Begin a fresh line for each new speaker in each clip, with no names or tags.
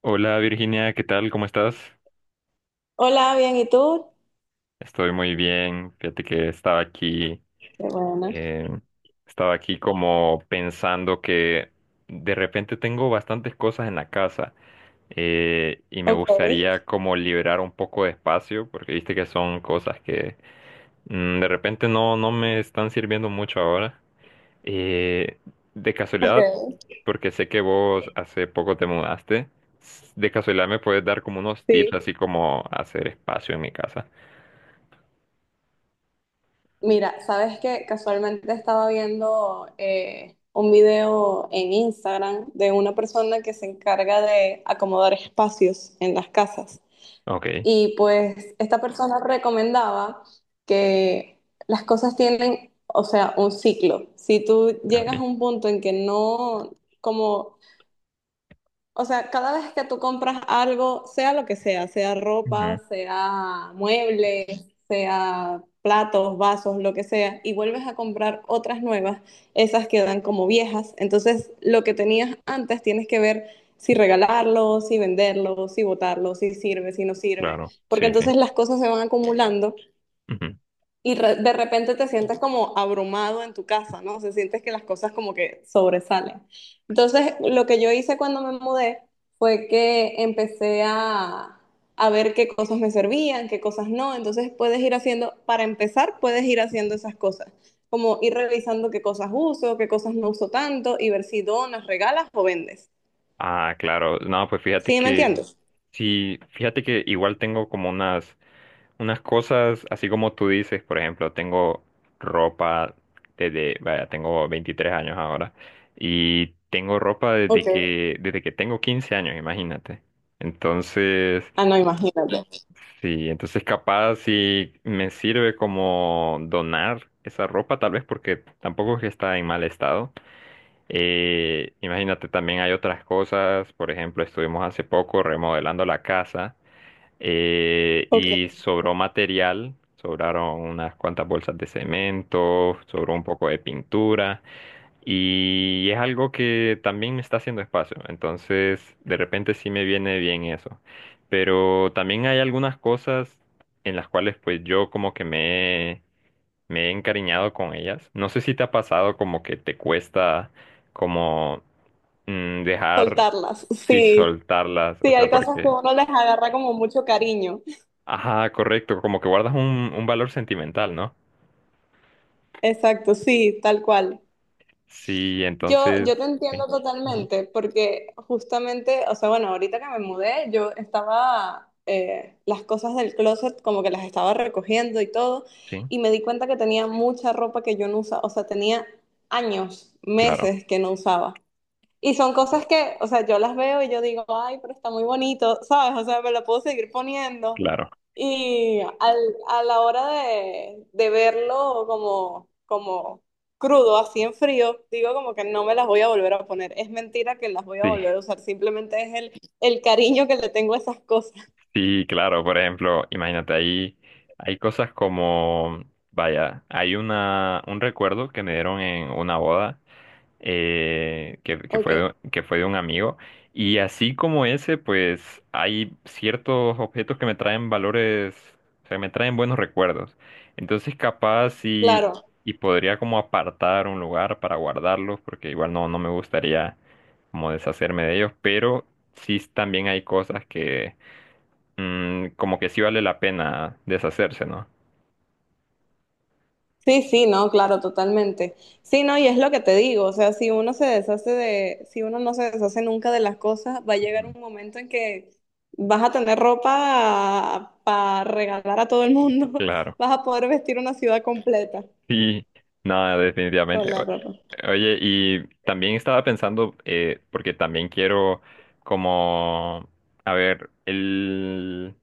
Hola Virginia, ¿qué tal? ¿Cómo estás?
Hola, bien, ¿y tú?
Estoy muy bien. Fíjate que
Qué bueno.
eh, estaba aquí como pensando que de repente tengo bastantes cosas en la casa, y me
Ok,
gustaría como liberar un poco de espacio porque viste que son cosas que de repente no me están sirviendo mucho ahora. Eh, de casualidad,
ok.
porque sé que vos hace poco te mudaste, de casualidad me puedes dar como unos tips,
Sí.
así como hacer espacio en mi casa.
Mira, sabes que casualmente estaba viendo un video en Instagram de una persona que se encarga de acomodar espacios en las casas.
Ok,
Y pues esta persona recomendaba que las cosas tienen, o sea, un ciclo. Si tú llegas
ok.
a un punto en que no, como o sea, cada vez que tú compras algo, sea lo que sea, sea
Ujú,
ropa, sea muebles, sea platos, vasos, lo que sea, y vuelves a comprar otras nuevas, esas quedan como viejas. Entonces, lo que tenías antes tienes que ver si regalarlo, si venderlo, si botarlo, si sirve, si no sirve,
claro,
porque
sí, sí.
entonces las cosas se van acumulando
Ujú.
y de repente te sientes como abrumado en tu casa, ¿no? O sea, sientes que las cosas como que sobresalen. Entonces, lo que yo hice cuando me mudé fue que empecé a ver qué cosas me servían, qué cosas no. Entonces, puedes ir haciendo, para empezar, puedes ir haciendo esas cosas, como ir revisando qué cosas uso, qué cosas no uso tanto y ver si donas, regalas o vendes.
Ah, claro. No, pues fíjate
¿Sí me
que,
entiendes?
sí, fíjate que igual tengo como unas unas cosas, así como tú dices, por ejemplo, tengo ropa desde, vaya, tengo 23 años ahora y tengo ropa desde
Ok.
que tengo 15 años, imagínate. Entonces,
Ah, no, imagínate.
sí, entonces capaz si me sirve como donar esa ropa, tal vez porque tampoco es que está en mal estado. Imagínate, también hay otras cosas, por ejemplo, estuvimos hace poco remodelando la casa.
Ok.
Y sobró material, sobraron unas cuantas bolsas de cemento, sobró un poco de pintura y es algo que también me está haciendo espacio, entonces de repente sí me viene bien eso. Pero también hay algunas cosas en las cuales pues yo como que me he encariñado con ellas. No sé si te ha pasado como que te cuesta como dejar,
Soltarlas,
sí,
sí.
soltarlas, o
Sí,
sea,
hay cosas que
porque...
uno les agarra como mucho cariño.
Ajá, correcto, como que guardas un valor sentimental, ¿no?
Exacto, sí, tal cual.
Sí,
Yo,
entonces,
yo te
sí,
entiendo
ujú,
totalmente, porque justamente, o sea, bueno, ahorita que me mudé, yo estaba, las cosas del closet como que las estaba recogiendo y todo,
sí,
y me di cuenta que tenía mucha ropa que yo no usaba, o sea, tenía años,
claro,
meses que no usaba. Y son
sí,
cosas que, o sea, yo las veo y yo digo, ay, pero está muy bonito, ¿sabes? O sea, me lo puedo seguir poniendo.
claro,
Y a la hora de verlo como, como crudo, así en frío, digo como que no me las voy a volver a poner. Es mentira que las voy a
sí,
volver a usar, simplemente es el cariño que le tengo a esas cosas.
sí, claro, por ejemplo, imagínate, ahí hay cosas como, vaya, hay un recuerdo que me dieron en una boda, que
Ok,
fue que fue de un amigo. Y así como ese, pues hay ciertos objetos que me traen valores, o sea, me traen buenos recuerdos. Entonces,
claro.
y podría como apartar un lugar para guardarlos, porque igual no me gustaría como deshacerme de ellos, pero sí también hay cosas que como que sí vale la pena deshacerse, ¿no?
Sí, sí, no, claro, totalmente. Sí, no, y es lo que te digo, o sea, si uno se deshace de, si uno no se deshace nunca de las cosas, va a llegar
Ujú.
un momento en que vas a tener ropa para regalar a todo el mundo,
Claro.
vas a poder vestir una ciudad completa
Sí, no,
con
definitivamente.
la
O-
ropa.
Oye, y también estaba pensando, porque también quiero como, a ver,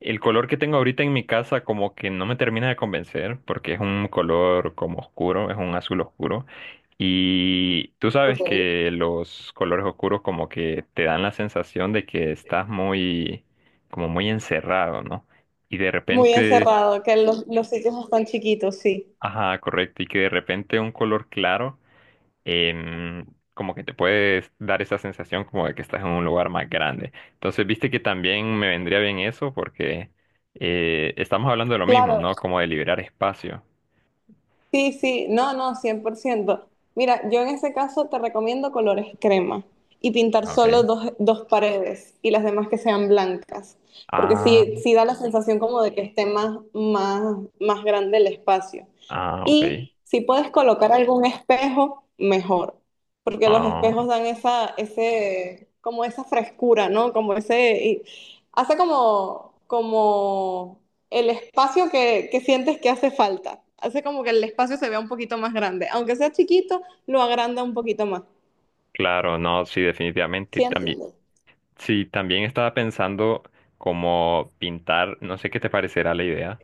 el color que tengo ahorita en mi casa como que no me termina de convencer, porque es un color como oscuro, es un azul oscuro. Y tú
Ok.
sabes que los colores oscuros como que te dan la sensación de que estás muy, como muy encerrado, ¿no? Y de
Muy
repente,
encerrado, que los sitios están chiquitos, sí.
ajá, correcto, y que de repente un color claro em, como que te puedes dar esa sensación como de que estás en un lugar más grande. Entonces, viste que también me vendría bien eso porque, estamos hablando de lo mismo,
Claro,
¿no? Como de liberar espacio.
sí, sí, no, no, cien por ciento. Mira, yo en ese caso te recomiendo colores crema y pintar solo
Ok.
dos, dos paredes y las demás que sean blancas, porque
Ah,
sí, sí da la sensación como de que esté más, más, más grande el espacio.
ah, ok.
Y si puedes colocar algún espejo, mejor, porque los
Ah,
espejos dan esa, ese, como esa frescura, ¿no? Como ese, y hace como, como el espacio que sientes que hace falta. Hace como que el espacio se vea un poquito más grande. Aunque sea chiquito, lo agranda un poquito más.
claro, no, sí, definitivamente.
¿Sí
También.
entiendes?
Sí, también estaba pensando como pintar, no sé qué te parecerá la idea,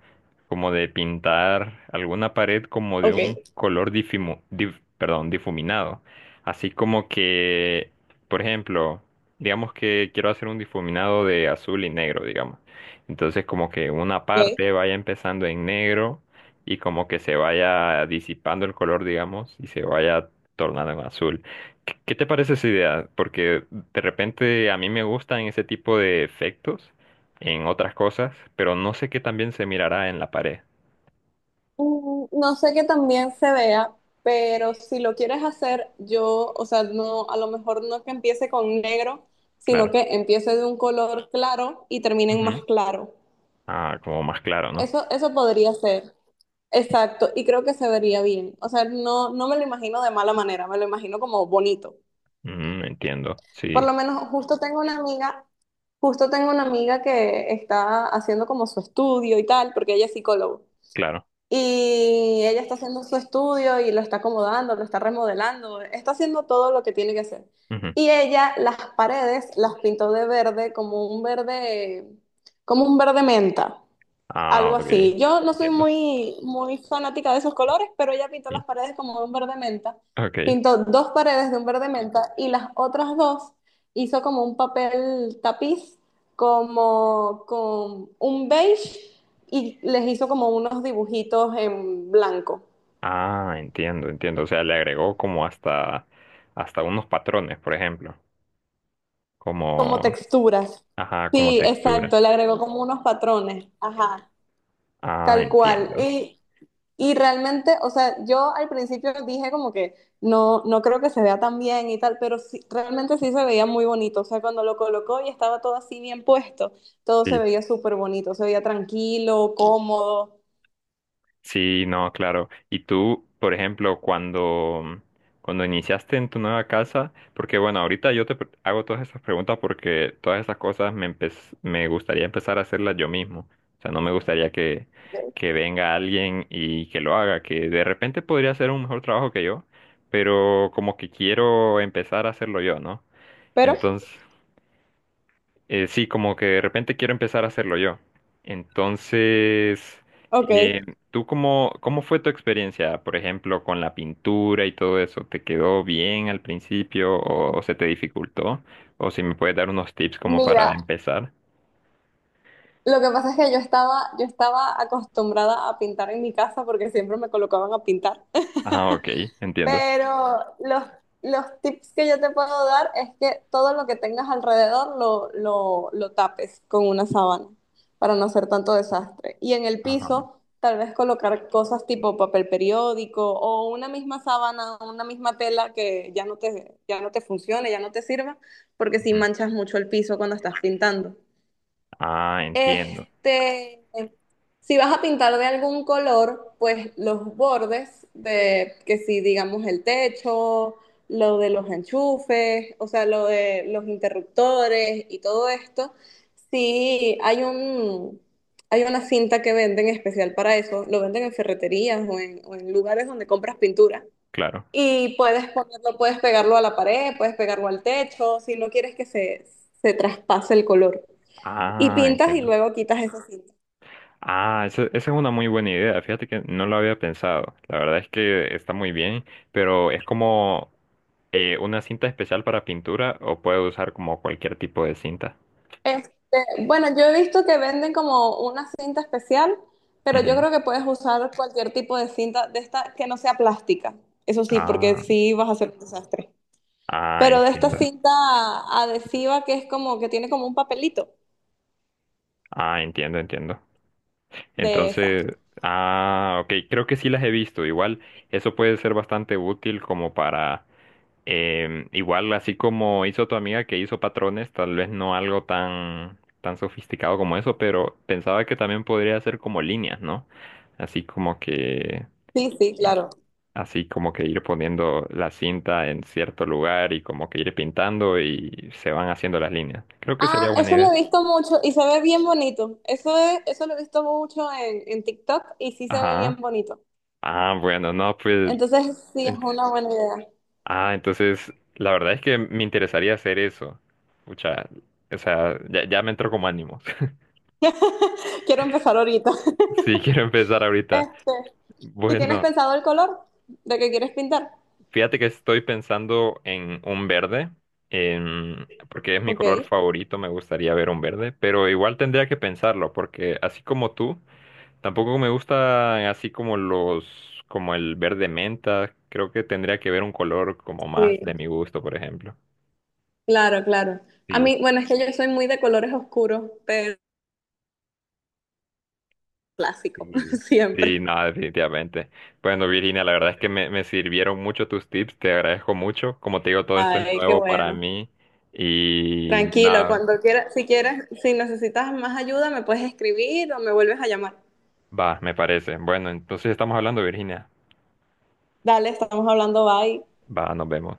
como de pintar alguna pared como de
Ok.
un color perdón, difuminado. Así como que, por ejemplo, digamos que quiero hacer un difuminado de azul y negro, digamos. Entonces como que una
Ok.
parte vaya empezando en negro y como que se vaya disipando el color, digamos, y se vaya tornando en azul. ¿Qué te parece esa idea? Porque de repente a mí me gustan ese tipo de efectos en otras cosas, pero no sé qué también se mirará en la pared.
No sé que también se vea, pero si lo quieres hacer, yo, o sea, no, a lo mejor no que empiece con negro, sino
Claro.
que empiece de un color claro y termine en más
Ujú.
claro.
Ah, como más claro, ¿no?
Eso podría ser. Exacto, y creo que se vería bien. O sea, no, no me lo imagino de mala manera, me lo imagino como bonito.
Ujú, entiendo.
Por
Sí,
lo menos, justo tengo una amiga, justo tengo una amiga que está haciendo como su estudio y tal, porque ella es psicóloga.
claro.
Y ella está haciendo su estudio y lo está acomodando, lo está remodelando, está haciendo todo lo que tiene que hacer.
Ujú.
Y ella las paredes las pintó de verde, como un verde, como un verde menta.
Ah,
Algo
ok.
así. Yo no soy
Entiendo.
muy, muy fanática de esos colores, pero ella pintó
Sí.
las paredes como de un verde menta.
Ok.
Pintó dos paredes de un verde menta y las otras dos hizo como un papel tapiz, como con un beige y les hizo como unos dibujitos en blanco,
Ah, entiendo, entiendo. O sea, le agregó como hasta, hasta unos patrones, por ejemplo.
como
Como,
texturas.
ajá, como
Sí,
textura.
exacto, le agregó como unos patrones. Ajá,
Ah,
tal cual.
entiendo.
Y realmente, o sea, yo al principio dije como que no, no creo que se vea tan bien y tal, pero sí, realmente sí se veía muy bonito. O sea, cuando lo colocó y estaba todo así bien puesto, todo se
Sí.
veía súper bonito, se veía tranquilo, cómodo.
Sí, no, claro. Y tú, por ejemplo, cuando iniciaste en tu nueva casa, porque bueno, ahorita hago todas esas preguntas porque todas esas cosas me gustaría empezar a hacerlas yo mismo. O sea, no me gustaría
Ok.
que venga alguien y que lo haga, que de repente podría hacer un mejor trabajo que yo, pero como que quiero empezar a hacerlo yo, ¿no?
Pero,
Entonces... Sí, como que de repente quiero empezar a hacerlo yo. Entonces,
ok,
eh, ¿tú cómo fue tu experiencia, por ejemplo, con la pintura y todo eso? ¿Te quedó bien al principio o se te dificultó? O si me puedes dar unos tips como para
mira,
empezar.
lo que pasa es que yo estaba acostumbrada a pintar en mi casa porque siempre me colocaban a pintar.
Ah, ok, entiendo.
Pero los tips que yo te puedo dar es que todo lo que tengas alrededor lo tapes con una sábana para no hacer tanto desastre. Y en el
Ajá.
piso, tal vez colocar cosas tipo papel periódico o una misma sábana, una misma tela que ya no te funcione, ya no te sirva, porque si
Ujú.
manchas mucho el piso cuando estás pintando.
Ah, entiendo,
Este, si vas a pintar de algún color, pues los bordes de, que si digamos el techo, lo de los enchufes, o sea, lo de los interruptores y todo esto, sí hay un, hay una cinta que venden especial para eso, lo venden en ferreterías o en lugares donde compras pintura.
claro.
Y puedes ponerlo, puedes pegarlo a la pared, puedes pegarlo al techo, si no quieres que se traspase el color. Y
Ah,
pintas y
entiendo.
luego quitas esa cinta.
Ah, esa es una muy buena idea. Fíjate que no lo había pensado. La verdad es que está muy bien, pero es como ¿una cinta especial para pintura o puedo usar como cualquier tipo de cinta?
Este, bueno, yo he visto que venden como una cinta especial, pero yo
Ujú.
creo que puedes usar cualquier tipo de cinta de esta que no sea plástica. Eso sí, porque
Ah,
sí vas a hacer un desastre.
ah,
Pero de esta
entiendo.
cinta adhesiva que es como que tiene como un papelito
Ah, entiendo, entiendo.
de esa.
Entonces, ah, ok, creo que sí las he visto. Igual, eso puede ser bastante útil como para, igual así como hizo tu amiga que hizo patrones, tal vez no algo tan, tan sofisticado como eso, pero pensaba que también podría ser como líneas, ¿no? Así como que...
Sí, sí, claro.
Así como que ir poniendo la cinta en cierto lugar y como que ir pintando y se van haciendo las líneas. Creo que
Ah,
sería buena
eso lo
idea.
he visto mucho y se ve bien bonito. Eso es, eso lo he visto mucho en TikTok y sí se ve bien
Ajá.
bonito.
Ah, bueno, no, pues...
Entonces, sí, es
en-
una buena idea.
Ah, entonces, la verdad es que me interesaría hacer eso. Pucha, o sea, ya, ya me entró como ánimos.
Quiero empezar ahorita.
Sí, quiero empezar ahorita.
Este. ¿Y tienes
Bueno,
pensado el color de que quieres pintar?
fíjate que estoy pensando en un verde, porque es mi color
Ok.
favorito, me gustaría ver un verde, pero igual tendría que pensarlo, porque así como tú... Tampoco me gusta así como los, como el verde menta. Creo que tendría que ver un color como más
Sí,
de mi gusto, por ejemplo.
claro, claro. A
Sí,
mí, bueno, es que yo soy muy de colores oscuros, pero clásico,
sí. Sí,
siempre.
no, definitivamente. Bueno, Virginia, la verdad es que me sirvieron mucho tus tips, te agradezco mucho. Como te digo, todo esto es
Ay, qué
nuevo para
bueno.
mí y
Tranquilo,
nada,
cuando quieras, si quieres, si necesitas más ayuda, me puedes escribir o me vuelves a llamar.
va, me parece. Bueno, entonces estamos hablando, Virginia.
Dale, estamos hablando, bye.
Va, nos vemos.